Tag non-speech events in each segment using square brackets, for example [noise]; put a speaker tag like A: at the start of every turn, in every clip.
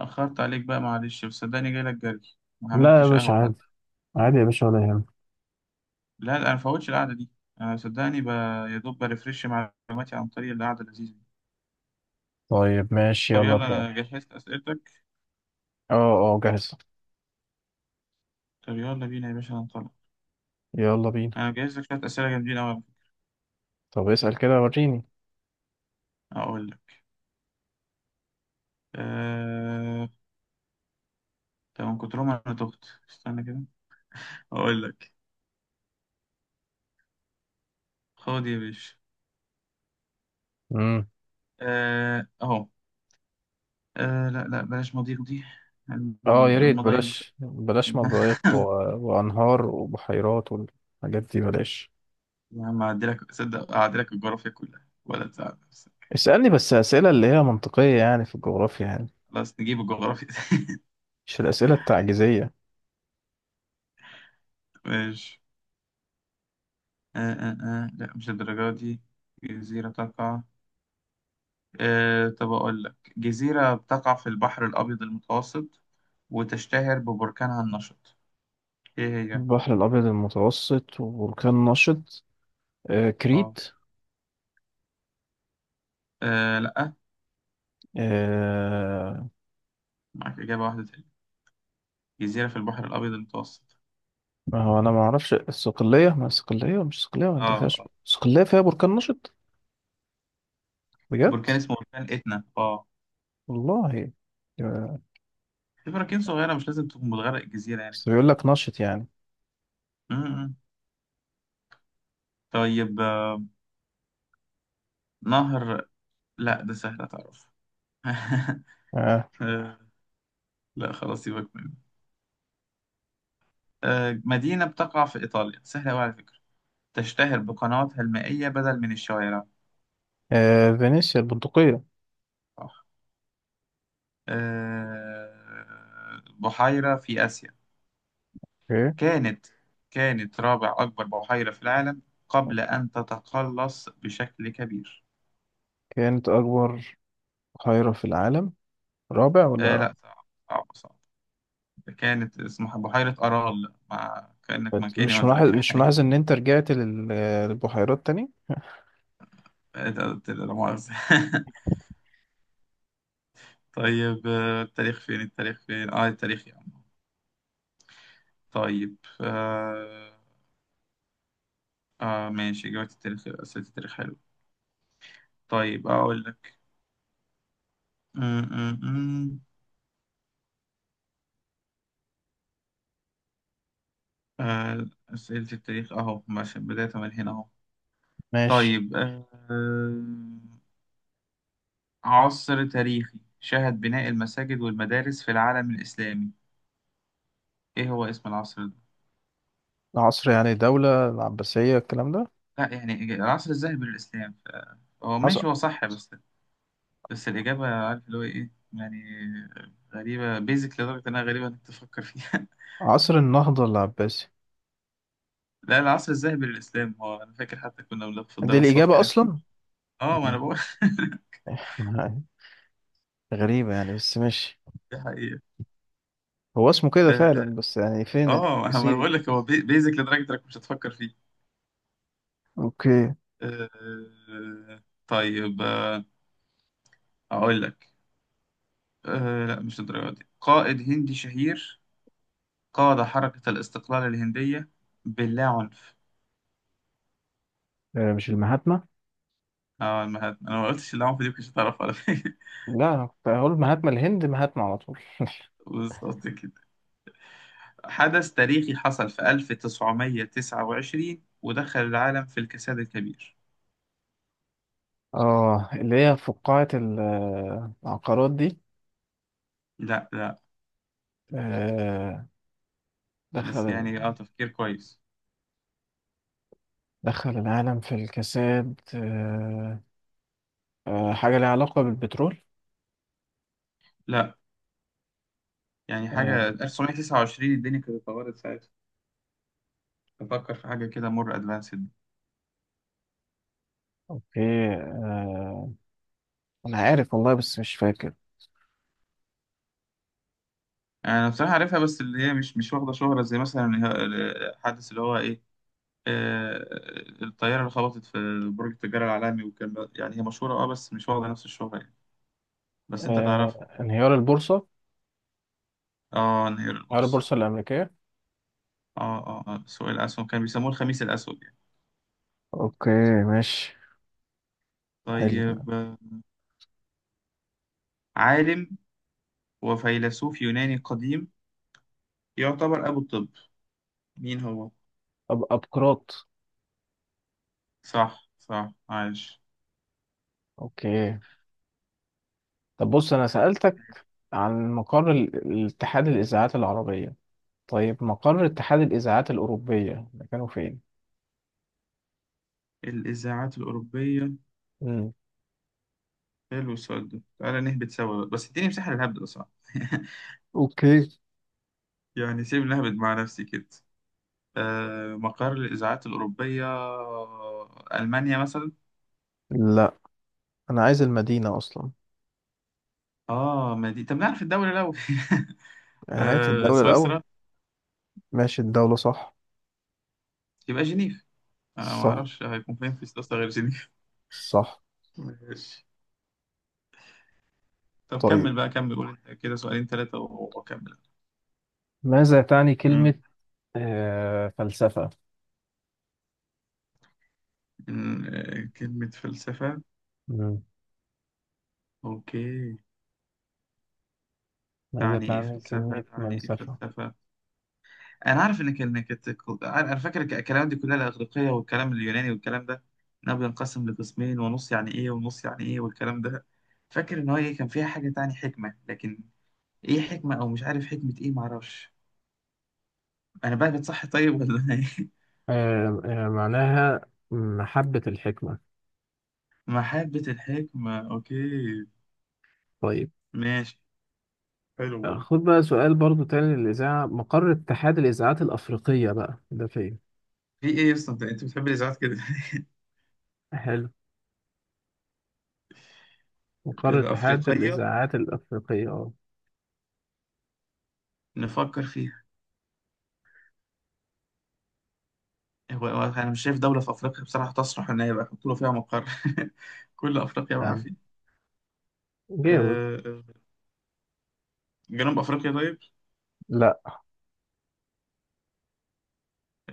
A: أخرت عليك بقى، معلش، بس صدقني جاي لك جري ما
B: لا يا
A: عملتش
B: باشا،
A: قهوة
B: عادي.
A: حتى.
B: عادي يا باشا، ولا يهمك.
A: لا، أنا مفوتش القعدة دي. أنا صدقني يا دوب بريفرش معلوماتي عن طريق القعدة اللذيذة دي.
B: طيب ماشي،
A: طب
B: يلا
A: يلا،
B: ابدا، اه.
A: أنا جهزت أسئلتك.
B: اه، جاهز.
A: طب يلا بينا يا باشا هنطلع.
B: يلا بينا.
A: أنا مجهز لك شوية أسئلة جامدين أوي على فكرة.
B: طب اسأل كده وريني.
A: أقول لك. أه... طب من كترهم أنا تهت، استنى كده أقول لك. خد يا باشا.
B: امم
A: أهو. لا، بلاش مضيق دي،
B: اه، يا ريت
A: المضايق.
B: بلاش بلاش مضايق
A: [laughs]
B: وانهار وبحيرات والحاجات دي بلاش.
A: يا عم أعدلك، صدق أعدلك الجغرافيا كلها ولا تزعل.
B: اسألني بس أسئلة اللي هي منطقية، يعني في الجغرافيا يعني،
A: خلاص نجيب الجغرافيا. [laughs]
B: مش الأسئلة التعجيزية.
A: ماشي. لا مش الدرجة دي. جزيرة تقع، آه طب أقول لك جزيرة بتقع في البحر الأبيض المتوسط وتشتهر ببركانها النشط، إيه هي؟
B: البحر الأبيض المتوسط وبركان نشط. آه،
A: آه
B: كريت.
A: لأ،
B: آه.
A: معاك إجابة واحدة تانية. جزيرة في البحر الأبيض المتوسط.
B: ما هو أنا ما أعرفش الصقلية، ما الصقلية مش الصقلية، ما أنت
A: آه
B: فيهاش
A: آه.
B: الصقلية فيها بركان نشط. بجد.
A: بركان اسمه بركان إتنا، آه.
B: والله. آه،
A: في براكين صغيرة، مش لازم تكون بتغرق الجزيرة يعني،
B: بس
A: فاهم؟
B: بيقول لك نشط يعني.
A: م- م. طيب. نهر. لأ ده سهل، أتعرف؟ [laughs]
B: آه.
A: آه، لا خلاص سيبك منه. مدينة بتقع في إيطاليا، سهلة أوي على فكرة، تشتهر بقنواتها المائية بدل من الشوارع.
B: آه. فينيسيا، البندقية.
A: صح. بحيرة في آسيا،
B: اوكي.
A: كانت كانت رابع أكبر بحيرة في العالم قبل أن تتقلص بشكل كبير.
B: كانت أكبر بحيرة في العالم، رابع ولا؟
A: لا صعب، صعب. كانت اسمها بحيرة أرال، مع كأنك ما كأني ما
B: مش ملاحظ
A: قلتلكش
B: مش
A: حاجة.
B: ملاحظ إن أنت رجعت للبحيرات تاني؟
A: [laughs] لا مؤاخذة. [laughs] طيب. التاريخ فين، التاريخ فين، التاريخ يا عم. طيب آه، اه ماشي جوات التاريخ، أسئلة التاريخ حلو. طيب أقول لك. م- م- م. آه، أسئلة التاريخ أهو ماشي، بداية من هنا أهو.
B: ماشي.
A: طيب. عصر تاريخي شهد بناء المساجد والمدارس في العالم الإسلامي، إيه هو اسم العصر ده؟
B: عصر، يعني دولة العباسية الكلام ده.
A: لا يعني العصر الذهبي للإسلام هو
B: عصر,
A: ماشي، هو صح بس. بس الإجابة عارف اللي هو إيه يعني. غريبة بيزك لدرجة إنها غريبة إنك تفكر فيها.
B: عصر النهضة العباسي.
A: [laughs] لا العصر الذهبي للإسلام هو، أنا فاكر حتى كنا بناخد في
B: دي
A: الدراسات
B: الإجابة
A: كان.
B: أصلا.
A: اه ما انا
B: مم.
A: بقول.
B: [laughs] غريبة يعني، بس ماشي.
A: [laughs] دي حقيقة.
B: هو اسمه كده
A: اه.
B: فعلا، بس يعني فين
A: ما انا
B: التفاصيل؟
A: بقول لك هو بيزك لدرجة انك مش هتفكر فيه.
B: أوكي.
A: آه طيب. اقول لك. آه لا مش الدرجة دي. قائد هندي شهير، قاد حركة الاستقلال الهندية باللا عنف.
B: آه، مش المهاتما؟
A: اه ما هت- انا ما قلتش العنف، دي مش هتعرف على فكرة. [laughs]
B: لا، أنا كنت هقول مهاتما الهند، مهاتما على طول.
A: بالظبط كده. حدث تاريخي حصل في 1929 ودخل العالم في الكساد الكبير.
B: اه، اللي هي فقاعة العقارات دي.
A: لا،
B: آه.
A: بس
B: دخل
A: يعني اه، تفكير كويس.
B: دخل العالم في الكساد، آه. آه، حاجة ليها علاقة بالبترول.
A: لا. يعني
B: آه.
A: حاجة 1929 الدنيا كانت اتطورت ساعتها، تفكر في حاجة كده مور ادفانسد.
B: اوكي. آه. انا عارف والله، بس مش فاكر.
A: أنا بصراحة عارفها، بس اللي هي مش واخدة شهرة زي مثلا الحادث اللي هو إيه، آه، الطيارة اللي خبطت في برج التجارة العالمي، يعني هي مشهورة أه بس مش واخدة نفس الشهرة يعني. بس أنت تعرفها.
B: آه، انهيار البورصة.
A: أه انهيار
B: انهيار
A: البورصة.
B: البورصة الأمريكية.
A: أه أه آه، سوق الأسهم، كان بيسموه الخميس الأسود يعني.
B: اوكي، ماشي. حلو.
A: طيب. عالم وفيلسوف يوناني قديم، يعتبر أبو الطب، مين هو؟
B: أبقراط.
A: صح صح، عايش.
B: اوكي. طب بص، انا سألتك عن مقر الاتحاد الإذاعات العربية. طيب، مقر اتحاد الإذاعات الأوروبية مكانه فين؟
A: الإذاعات الأوروبية.
B: مم.
A: حلو السؤال ده، تعالى نهبط سوا بس اديني مساحة للهبد أصلا. [laughs]
B: أوكي.
A: يعني سيبني أهبد مع نفسي كده. آه، مقر الإذاعات الأوروبية، ألمانيا مثلا.
B: لا، أنا عايز المدينة أصلا.
A: آه ما دي، طب نعرف الدولة لو. [laughs]
B: هات
A: آه
B: الدولة الأول.
A: سويسرا.
B: ماشي، الدولة صح.
A: يبقى جنيف. آه ما
B: صح.
A: أعرفش هيكون فين في سويسرا غير جنيف.
B: صح.
A: [laughs] ماشي. طب
B: طيب،
A: كمل بقى، كمل قول أنت كده سؤالين ثلاثة وأكمل.
B: ماذا تعني
A: مم.
B: كلمة فلسفة؟
A: كلمة فلسفة.
B: مم.
A: أوكي.
B: ماذا
A: تعني إيه
B: تعني
A: فلسفة،
B: كلمة
A: تعني إيه
B: فلسفة؟
A: فلسفة. انا عارف ان كانت، انا فاكر الكلام دي كلها، الاغريقيه والكلام اليوناني والكلام ده، انها بينقسم لقسمين ونص يعني ايه، ونص يعني ايه، والكلام ده. فاكر ان هو ايه، كان فيها حاجه تاني حكمه، لكن ايه حكمه او مش عارف حكمه ايه، معرفش. انا بقى بتصحي طيب ولا [laughs] أنا ايه.
B: آه، آه، معناها محبة الحكمة.
A: محبه الحكمه، اوكي.
B: طيب.
A: ماشي. حلو
B: آه،
A: والله.
B: خد بقى سؤال برضو تاني للإذاعة، مقر اتحاد الإذاعات الأفريقية بقى ده فين؟
A: في ايه اصلا انت، أنت بتحب الاذاعات كده. [laughs]
B: حلو. مقر اتحاد
A: الافريقيه،
B: الإذاعات الأفريقية، اه.
A: نفكر فيها. هو انا مش شايف دوله في افريقيا بصراحه تصلح ان هي يبقى يحطوا له فيها مقر. [laughs] كل افريقيا بقى.
B: يعني جاوب.
A: آه، جنوب أفريقيا طيب.
B: لا.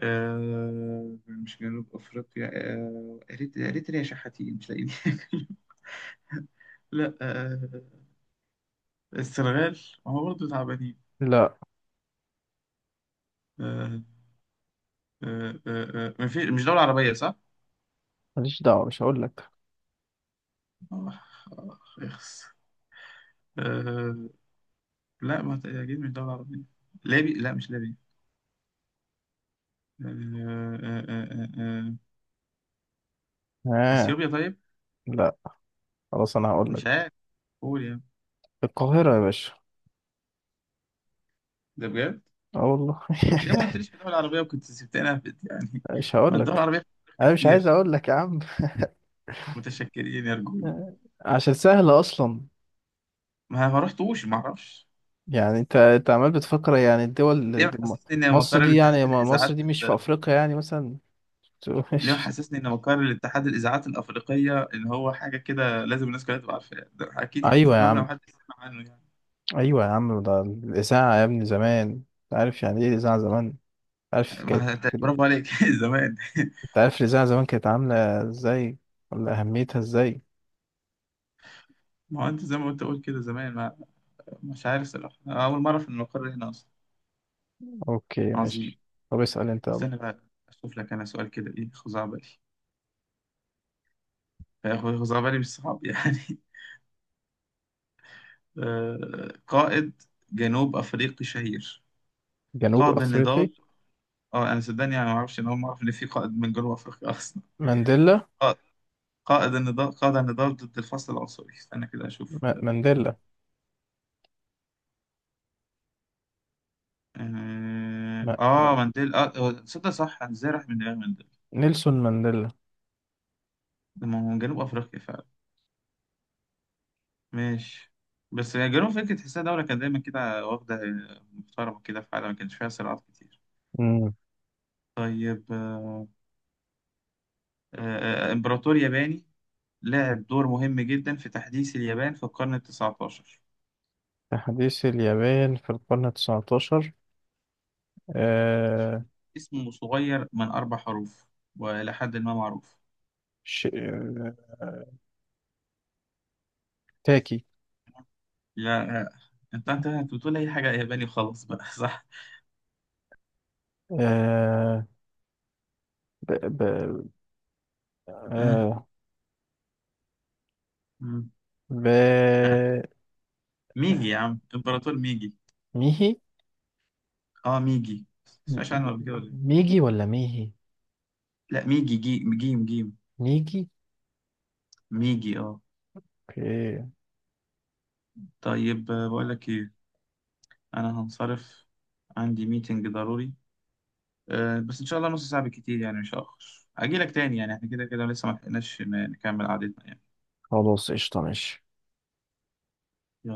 A: مش جنوب أفريقيا. أريتريا شحاتين مش لاقيين. [laughs] لا. السنغال. ما هو برضه تعبانين.
B: لا.
A: آه، آه، آه، مش دولة عربية صح؟
B: ماليش دعوة، مش هقول لك.
A: آخ، آخ، إخس. آه، لا ما تأكيد مش دولة عربية. ليبي، لا مش ليبي. آه، آه، آه، آه، آه. آه.
B: ها.
A: أثيوبيا طيب.
B: لا خلاص، انا هقول
A: مش
B: لك.
A: عارف، قول يعني.
B: القاهرة يا باشا.
A: ده بجد؟
B: اه والله.
A: طب ليه ما
B: [laughs]
A: قلتليش في الدول العربية، وكنت سبتنا يعني.
B: مش
A: ما
B: هقول
A: الدول
B: لك.
A: العربية في أفريقيا
B: انا مش عايز
A: كتير.
B: اقول لك يا عم.
A: متشكلين يا رجولة.
B: عشان سهلة اصلا.
A: ما رحتوش ما اعرفش.
B: يعني انت عمال بتفكر يعني
A: ليه
B: الدول. م-
A: محسسني ان
B: مصر
A: مقر
B: دي
A: الاتحاد
B: يعني، مصر
A: الاذاعات
B: دي مش في افريقيا يعني مثلا؟ [laughs]
A: ليه
B: مش-
A: محسسني ان مقر الاتحاد الاذاعات الافريقيه ان هو حاجه كده لازم الناس كلها تبقى عارفاها، ده اكيد حته
B: ايوه يا
A: مبنى
B: عم.
A: محدش سمع عنه يعني.
B: ايوه يا عم، ده الاذاعة يا ابني زمان، أنت عارف يعني ايه الاذاعة زمان؟ عارف كانت.
A: ما انت برافو عليك. [laughs] زمان. [laughs]
B: انت عارف الإذاعة زمان كانت عاملة ازاي؟ ولا أهميتها ازاي؟
A: ما هو انت زي ما انت قلت كده زمان، ما مش عارف صراحه، أنا اول مره اعرف ان المقر هنا اصلا.
B: اوكي ماشي.
A: عظيم.
B: طب اسأل انت يلا.
A: استنى بقى، اشوف لك انا سؤال كده ايه خزعبلي، خزعبلي مش صعب يعني. قائد جنوب أفريقي شهير
B: جنوب
A: قاد
B: أفريقي؟
A: النضال. اه أنا صدقني يعني ما أعرفش، أنا أول ما أعرف إن في قائد من جنوب أفريقيا أصلا.
B: مانديلا.
A: قائد قائد النضال، قاد النضال ضد الفصل العنصري، استنى كده أشوف.
B: ما... مانديلا. ما... ما...
A: مانديلا. آه هو تصدق صح أنا إزاي راح من دماغي مانديلا.
B: نيلسون مانديلا.
A: ده ما هو من جنوب أفريقيا فعلا. ماشي. بس يا جنوب أفريقيا تحسها دولة كانت دايما كده واخدة، محترمة كده في حالها، ما كانش فيها صراعات كتير.
B: مم.
A: طيب. إمبراطور ياباني لعب دور مهم جدا في تحديث اليابان في القرن التاسع عشر،
B: تحديث اليابان في القرن التسعتاشر. آه...
A: اسمه صغير من أربع حروف وإلى حد ما معروف.
B: ش... آه... تاكي.
A: لا. أنت بتقول أي حاجة ياباني وخلاص بقى. [laughs] صح.
B: آه... ب... ب...
A: آه.
B: آه...
A: مم.
B: ب...
A: آه. ميجي يا عم، إمبراطور ميجي.
B: ميهي.
A: أه ميجي، تسمعش عنه قبل كده ولا إيه؟
B: ميجي ولا ميهي؟
A: لا ميجي، جي، جيم جيم.
B: ميجي.
A: ميجي أه.
B: اوكي.
A: طيب. بقول لك إيه، أنا هنصرف، عندي ميتنج ضروري. بس ان شاء الله نص ساعة بالكتير يعني، مش هأخر اجي لك تاني، يعني احنا كده كده لسه ما لحقناش نكمل قعدتنا يعني.
B: خلاص، قشطة، ماشي.
A: يلا.